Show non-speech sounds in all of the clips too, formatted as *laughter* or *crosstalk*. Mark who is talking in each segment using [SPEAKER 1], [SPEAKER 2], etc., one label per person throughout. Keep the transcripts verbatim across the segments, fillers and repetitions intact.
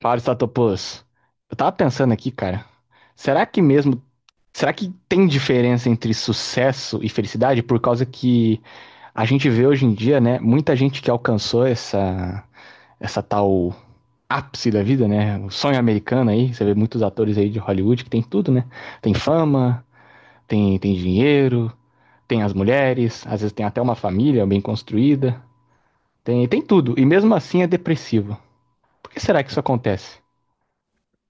[SPEAKER 1] Fábio Statopoulos, eu tava pensando aqui, cara, será que mesmo, será que tem diferença entre sucesso e felicidade? Por causa que a gente vê hoje em dia, né, muita gente que alcançou essa, essa tal ápice da vida, né, o sonho americano aí, você vê muitos atores aí de Hollywood que tem tudo, né, tem fama, tem, tem dinheiro, tem as mulheres, às vezes tem até uma família bem construída, tem, tem tudo, e mesmo assim é depressivo. Por que será que isso acontece?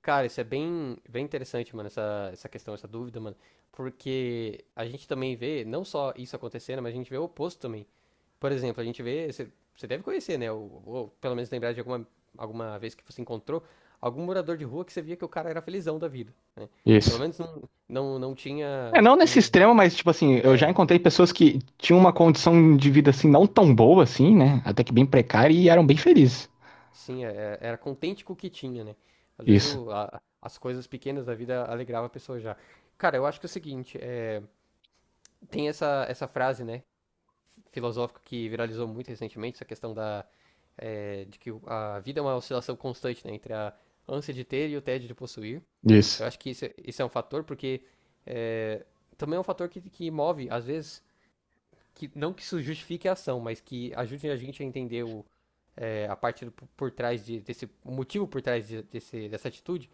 [SPEAKER 2] Cara, isso é bem, bem interessante, mano, essa, essa questão, essa dúvida, mano. Porque a gente também vê, não só isso acontecendo, mas a gente vê o oposto também. Por exemplo, a gente vê, você você deve conhecer, né? Ou, ou pelo menos lembrar de alguma, alguma vez que você encontrou algum morador de rua que você via que o cara era felizão da vida, né? Pelo
[SPEAKER 1] Isso.
[SPEAKER 2] menos não, não, não
[SPEAKER 1] É,
[SPEAKER 2] tinha
[SPEAKER 1] não nesse
[SPEAKER 2] um.
[SPEAKER 1] extremo, mas, tipo assim, eu já
[SPEAKER 2] É,
[SPEAKER 1] encontrei pessoas que tinham uma condição de vida, assim, não tão boa, assim, né? Até que bem precária e eram bem felizes.
[SPEAKER 2] sim, é- era contente com o que tinha, né? Às vezes
[SPEAKER 1] Isso,
[SPEAKER 2] o, a- as coisas pequenas da vida alegrava a pessoa já. Cara, eu acho que é o seguinte, é, tem essa, essa frase, né? Filosófico que viralizou muito recentemente, essa questão da, é, de que a vida é uma oscilação constante, né, entre a ânsia de ter e o tédio de possuir. Eu
[SPEAKER 1] isso.
[SPEAKER 2] acho que isso, é- isso é um fator, porque é, também é um fator que, que move, às vezes, que não que isso justifique a ação, mas que ajude a gente a entender o, é, a parte do- por trás de- desse o motivo por trás de- desse, dessa atitude.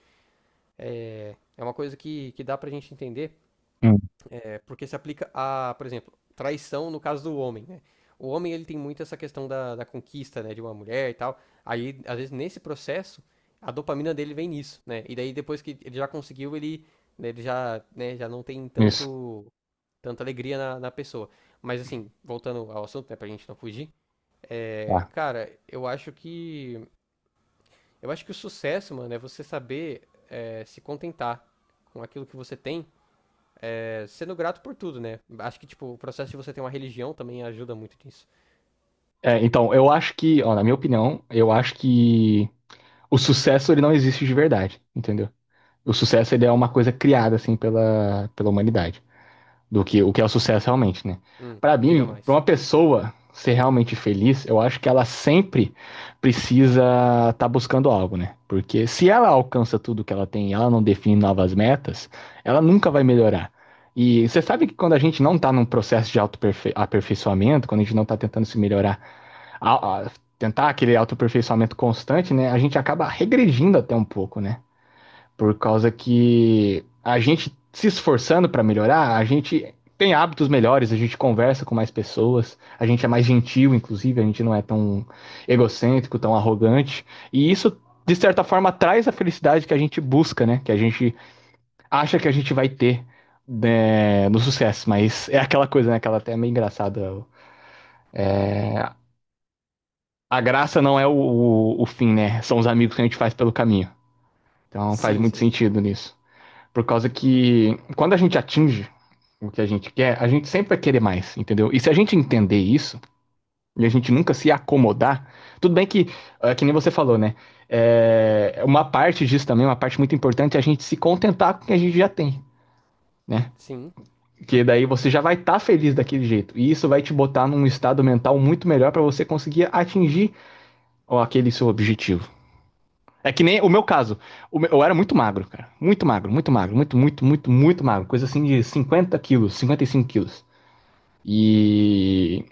[SPEAKER 2] É, é uma coisa que, que dá pra gente entender
[SPEAKER 1] Hum.
[SPEAKER 2] porque se aplica a, por exemplo, traição no caso do homem, né? O homem, ele tem muito essa questão da, da conquista, né, de uma mulher e tal. Aí, às vezes, nesse processo, a dopamina dele vem nisso, né? E daí, depois que ele já conseguiu, ele, né, ele já, né, já não tem
[SPEAKER 1] Isso.
[SPEAKER 2] tanto, tanta alegria na, na pessoa. Mas, assim, voltando ao assunto, né, pra gente não fugir. É,
[SPEAKER 1] Tá.
[SPEAKER 2] cara, eu acho que... Eu acho que o sucesso, mano, é você saber é, se contentar com aquilo que você tem, é, sendo grato por tudo, né? Acho que, tipo, o processo de você ter uma religião também ajuda muito nisso.
[SPEAKER 1] É, então, eu acho que, ó, na minha opinião, eu acho que o sucesso, ele não existe de verdade, entendeu? O sucesso, ele é uma coisa criada, assim, pela, pela humanidade. Do que o que é o sucesso realmente, né?
[SPEAKER 2] Hum,
[SPEAKER 1] Pra
[SPEAKER 2] diga
[SPEAKER 1] mim, pra
[SPEAKER 2] mais.
[SPEAKER 1] uma pessoa ser realmente feliz, eu acho que ela sempre precisa estar buscando algo, né? Porque se ela alcança tudo que ela tem e ela não define novas metas, ela nunca vai melhorar. E você sabe que quando a gente não tá num processo de autoaperfeiçoamento, quando a gente não tá tentando se melhorar, a- a- tentar aquele autoaperfeiçoamento constante, né? A gente acaba regredindo até um pouco, né? Por causa que a gente se esforçando para melhorar, a gente tem hábitos melhores, a gente conversa com mais pessoas, a gente é mais gentil, inclusive, a gente não é tão egocêntrico, tão arrogante. E isso, de certa forma, traz a felicidade que a gente busca, né? Que a gente acha que a gente vai ter, né, no sucesso. Mas é aquela coisa, né? Aquela até é meio engraçada. A graça não é o, o, o fim, né? São os amigos que a gente faz pelo caminho. Então faz
[SPEAKER 2] Sim,
[SPEAKER 1] muito
[SPEAKER 2] sim.
[SPEAKER 1] sentido nisso. Por causa
[SPEAKER 2] Hum.
[SPEAKER 1] que quando a gente atinge o que a gente quer, a gente sempre vai querer mais, entendeu? E se a gente entender isso, e a gente nunca se acomodar, tudo bem que, é, que nem você falou, né? É, uma parte disso também, uma parte muito importante, é a gente se contentar com o que a gente já tem, né?
[SPEAKER 2] Sim.
[SPEAKER 1] Porque daí você já vai estar tá feliz daquele jeito. E isso vai te botar num estado mental muito melhor para você conseguir atingir aquele seu objetivo. É que nem o meu caso. O meu- eu era muito magro, cara. Muito magro, muito magro, muito, muito, muito, muito magro. Coisa assim de cinquenta quilos, cinquenta e cinco quilos. E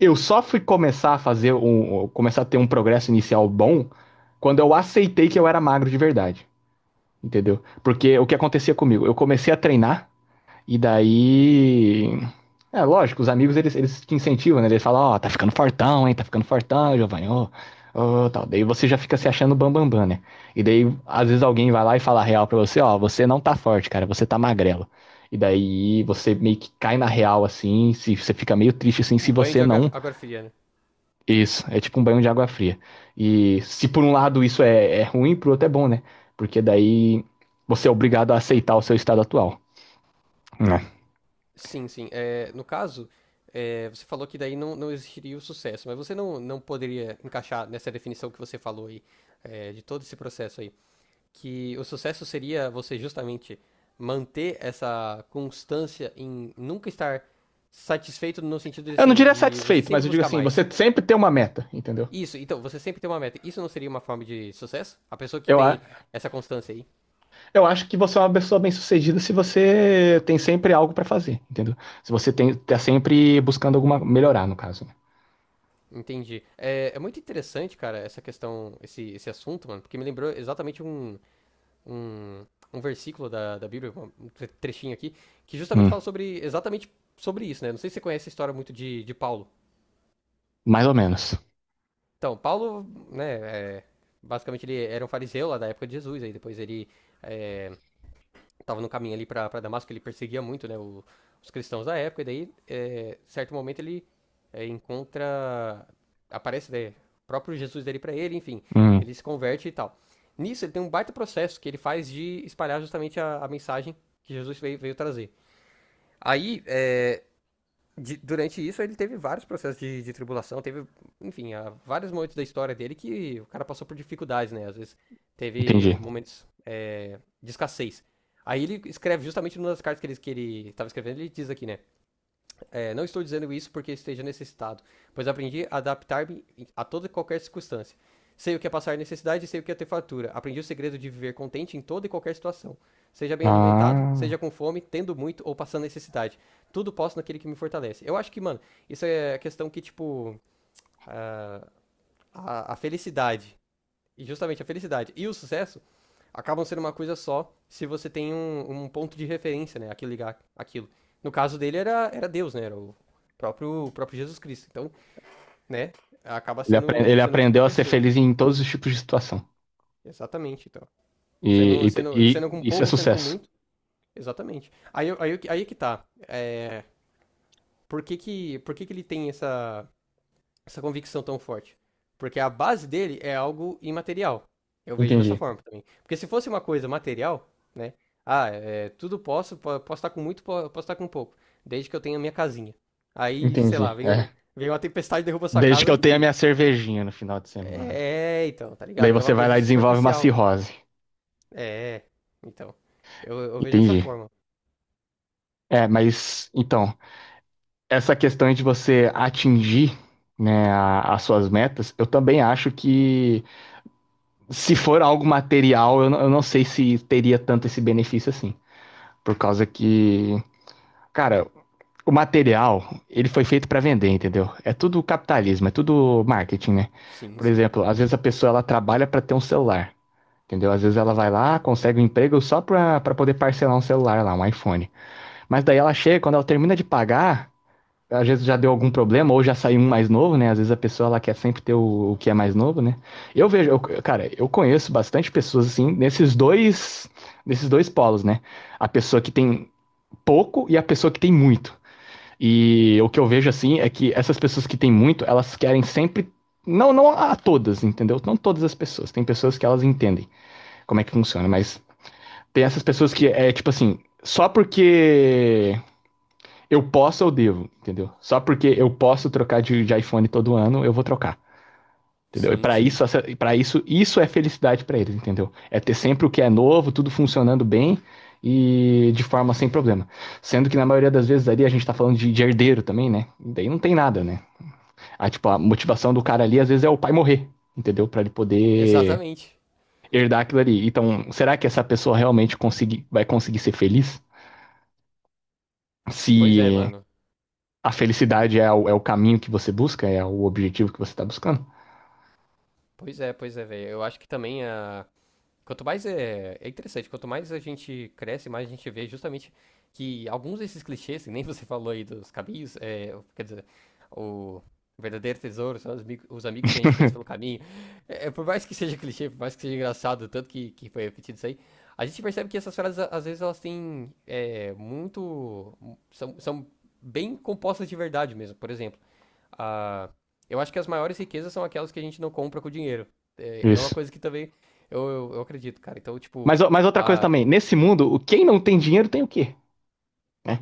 [SPEAKER 1] eu só fui começar a fazer um, um, começar a ter um progresso inicial bom quando eu aceitei que eu era magro de verdade, entendeu? Porque o que acontecia comigo? Eu comecei a treinar e daí, é lógico, os amigos eles, eles te incentivam, né? Eles falam, ó, tá ficando fortão, hein? Tá ficando fortão, Giovanni, ó, ó, tal. Daí você já fica se achando bambambam, bam, bam, né? E daí às vezes alguém vai lá e fala a real pra você, ó, você não tá forte, cara, você tá magrelo. E daí você meio que cai na real assim, se você fica meio triste assim se
[SPEAKER 2] Um banho de
[SPEAKER 1] você
[SPEAKER 2] água,
[SPEAKER 1] não.
[SPEAKER 2] água fria, né?
[SPEAKER 1] Isso, é tipo um banho de água fria. E se por um lado isso é, é ruim, por outro é bom, né? Porque daí você é obrigado a aceitar o seu estado atual. Né?
[SPEAKER 2] Sim, sim. É, no caso, é, você falou que daí não, não existiria o sucesso, mas você não, não poderia encaixar nessa definição que você falou aí, é, de todo esse processo aí, que o sucesso seria você justamente manter essa constância em nunca estar satisfeito no sentido de,
[SPEAKER 1] Eu não
[SPEAKER 2] assim,
[SPEAKER 1] diria
[SPEAKER 2] de você
[SPEAKER 1] satisfeito, mas
[SPEAKER 2] sempre
[SPEAKER 1] eu digo
[SPEAKER 2] buscar
[SPEAKER 1] assim,
[SPEAKER 2] mais.
[SPEAKER 1] você sempre tem uma meta, entendeu?
[SPEAKER 2] Isso, então, você sempre tem uma meta. Isso não seria uma forma de sucesso? A pessoa que
[SPEAKER 1] Eu, a-
[SPEAKER 2] tem essa constância aí.
[SPEAKER 1] eu acho que você é uma pessoa bem-sucedida se você tem sempre algo pra fazer, entendeu? Se você tem, tá sempre buscando alguma melhorar, no caso. Né?
[SPEAKER 2] Entendi. É, é muito interessante, cara, essa questão, esse, esse assunto, mano, porque me lembrou exatamente um, um, um versículo da, da Bíblia, um trechinho aqui, que justamente
[SPEAKER 1] Hum,
[SPEAKER 2] fala sobre, exatamente sobre isso, né? Não sei se você conhece a história muito de, de Paulo.
[SPEAKER 1] mais ou menos.
[SPEAKER 2] Então, Paulo, né, é, basicamente ele era um fariseu lá da época de Jesus, aí depois ele estava no caminho ali para Damasco, ele perseguia muito né, o- os cristãos da época, e daí, é, certo momento, ele é, encontra. Aparece né, o próprio Jesus dele para ele, enfim,
[SPEAKER 1] Hum,
[SPEAKER 2] ele se converte e tal. Nisso, ele tem um baita processo que ele faz de espalhar justamente a, a mensagem que Jesus veio, veio trazer. Aí, é, de- durante isso ele teve vários processos de, de tribulação, teve, enfim, há vários momentos da história dele que o cara passou por dificuldades, né? Às vezes teve
[SPEAKER 1] entendi.
[SPEAKER 2] momentos é, de escassez. Aí ele escreve justamente numa das cartas que ele, estava que ele tava escrevendo, ele diz aqui, né? É, não estou dizendo isso porque esteja necessitado, pois aprendi a adaptar-me a toda e qualquer circunstância. Sei o que é passar necessidade e sei o que é ter fartura. Aprendi o segredo de viver contente em toda e qualquer situação. Seja bem alimentado,
[SPEAKER 1] Ah,
[SPEAKER 2] seja com fome, tendo muito ou passando necessidade. Tudo posso naquele que me fortalece. Eu acho que, mano, isso é a questão que, tipo, a, a felicidade, e justamente a felicidade e o sucesso acabam sendo uma coisa só se você tem um, um ponto de referência, né? Aquilo ligar aquilo. No caso dele era, era Deus, né? Era o próprio, o próprio Jesus Cristo. Então, né? Acaba
[SPEAKER 1] ele, apre-
[SPEAKER 2] sendo,
[SPEAKER 1] ele
[SPEAKER 2] sendo isso pra
[SPEAKER 1] aprendeu a ser
[SPEAKER 2] pessoa.
[SPEAKER 1] feliz em todos os tipos de situação.
[SPEAKER 2] Exatamente, então. Sendo,
[SPEAKER 1] e e-
[SPEAKER 2] sendo, sendo com
[SPEAKER 1] e isso é
[SPEAKER 2] pouco, sendo com
[SPEAKER 1] sucesso.
[SPEAKER 2] muito, exatamente. Aí, eu- aí, eu aí é que tá. Por que que, por que que ele tem essa, essa convicção tão forte? Porque a base dele é algo imaterial. Eu vejo dessa
[SPEAKER 1] Entendi,
[SPEAKER 2] forma também. Porque se fosse uma coisa material, né? Ah, é, tudo posso, po- posso estar com muito, po- posso estar com pouco. Desde que eu tenha minha casinha. Aí, sei lá,
[SPEAKER 1] entendi.
[SPEAKER 2] vem, o-
[SPEAKER 1] É.
[SPEAKER 2] vem uma tempestade e derruba sua
[SPEAKER 1] Desde que
[SPEAKER 2] casa, e,
[SPEAKER 1] eu tenha
[SPEAKER 2] enfim.
[SPEAKER 1] minha cervejinha no final de semana.
[SPEAKER 2] É, então, tá
[SPEAKER 1] Daí
[SPEAKER 2] ligado? É uma
[SPEAKER 1] você vai
[SPEAKER 2] coisa
[SPEAKER 1] lá e desenvolve uma
[SPEAKER 2] superficial.
[SPEAKER 1] cirrose.
[SPEAKER 2] É, então. Eu, eu vejo dessa
[SPEAKER 1] Entendi.
[SPEAKER 2] forma.
[SPEAKER 1] É, mas então, essa questão de você atingir, né, a- as suas metas, eu também acho que se for algo material, eu, não- eu não sei se teria tanto esse benefício assim. Por causa que, cara, o material, ele foi feito pra vender, entendeu? É tudo capitalismo, é tudo marketing, né?
[SPEAKER 2] Sim,
[SPEAKER 1] Por
[SPEAKER 2] sim.
[SPEAKER 1] exemplo, às vezes a pessoa ela trabalha pra ter um celular. Entendeu? Às vezes ela vai lá, consegue um emprego só pra, pra poder parcelar um celular lá, um iPhone. Mas daí ela chega, quando ela termina de pagar, às vezes já deu algum problema, ou já saiu um mais novo, né? Às vezes a pessoa ela quer sempre ter o, o que é mais novo, né? Eu vejo, eu- cara, eu conheço bastante pessoas assim, nesses dois, nesses dois polos, né? A pessoa que tem pouco e a pessoa que tem muito. E o que eu vejo assim é que essas pessoas que têm muito, elas querem sempre. Não, não a todas, entendeu? Não todas as pessoas. Tem pessoas que elas entendem como é que funciona, mas. Tem essas pessoas que é tipo assim, só porque eu posso, eu devo, entendeu? Só porque eu posso trocar de, de iPhone todo ano, eu vou trocar. Entendeu? E
[SPEAKER 2] Sim,
[SPEAKER 1] para
[SPEAKER 2] sim.
[SPEAKER 1] isso, para isso, isso é felicidade para eles, entendeu? É ter sempre o que é novo, tudo funcionando bem e de forma sem problema. Sendo que na maioria das vezes ali a gente tá falando de, de herdeiro também, né? E daí não tem nada, né? A, tipo, a motivação do cara ali às vezes é o pai morrer, entendeu? Para ele poder
[SPEAKER 2] Exatamente.
[SPEAKER 1] herdar aquilo ali. Então, será que essa pessoa realmente conseguir, vai conseguir ser feliz?
[SPEAKER 2] Pois é,
[SPEAKER 1] Se
[SPEAKER 2] mano.
[SPEAKER 1] a felicidade é o, é o caminho que você busca, é o objetivo que você está buscando.
[SPEAKER 2] Pois é, pois é, velho. Eu acho que também a, quanto mais é, é interessante, quanto mais a gente cresce, mais a gente vê justamente que alguns desses clichês, que nem você *laughs* falou aí dos caminhos, é, quer dizer, o verdadeiro tesouro são os, mi- os amigos que a gente fez pelo
[SPEAKER 1] *laughs*
[SPEAKER 2] caminho. É, é, por mais que seja clichê, por mais que seja engraçado, tanto que, que foi repetido isso aí, a gente percebe que essas frases, a- às vezes, elas têm é, muito. são, são bem compostas de verdade mesmo. Por exemplo a... Eu acho que as maiores riquezas são aquelas que a gente não compra com dinheiro. É, é uma
[SPEAKER 1] Isso.
[SPEAKER 2] coisa que também eu, eu, eu acredito, cara. Então, tipo,
[SPEAKER 1] Mas, mas outra coisa
[SPEAKER 2] a...
[SPEAKER 1] também, nesse mundo, o- quem não tem dinheiro tem o quê? Né?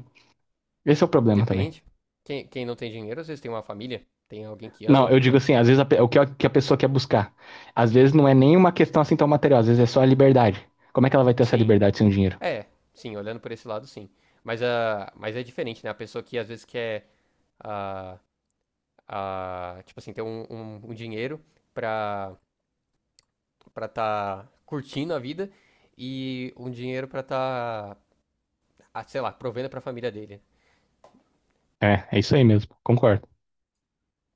[SPEAKER 1] Esse é o problema também.
[SPEAKER 2] depende. Quem, quem não tem dinheiro, às vezes tem uma família, tem alguém que
[SPEAKER 1] Não,
[SPEAKER 2] ama,
[SPEAKER 1] eu digo
[SPEAKER 2] né?
[SPEAKER 1] assim, às vezes a o que a, que a pessoa quer buscar, às vezes não é nem uma questão assim tão material, às vezes é só a liberdade. Como é que ela vai ter essa
[SPEAKER 2] Sim,
[SPEAKER 1] liberdade sem o dinheiro?
[SPEAKER 2] é, sim, olhando por esse lado, sim. Mas, a, mas é diferente, né? A pessoa que às vezes quer, a, a, tipo assim, ter um, um, um dinheiro pra, pra tá curtindo a vida e um dinheiro pra tá, ah, sei lá, provendo pra família dele,
[SPEAKER 1] É, é isso aí mesmo, concordo.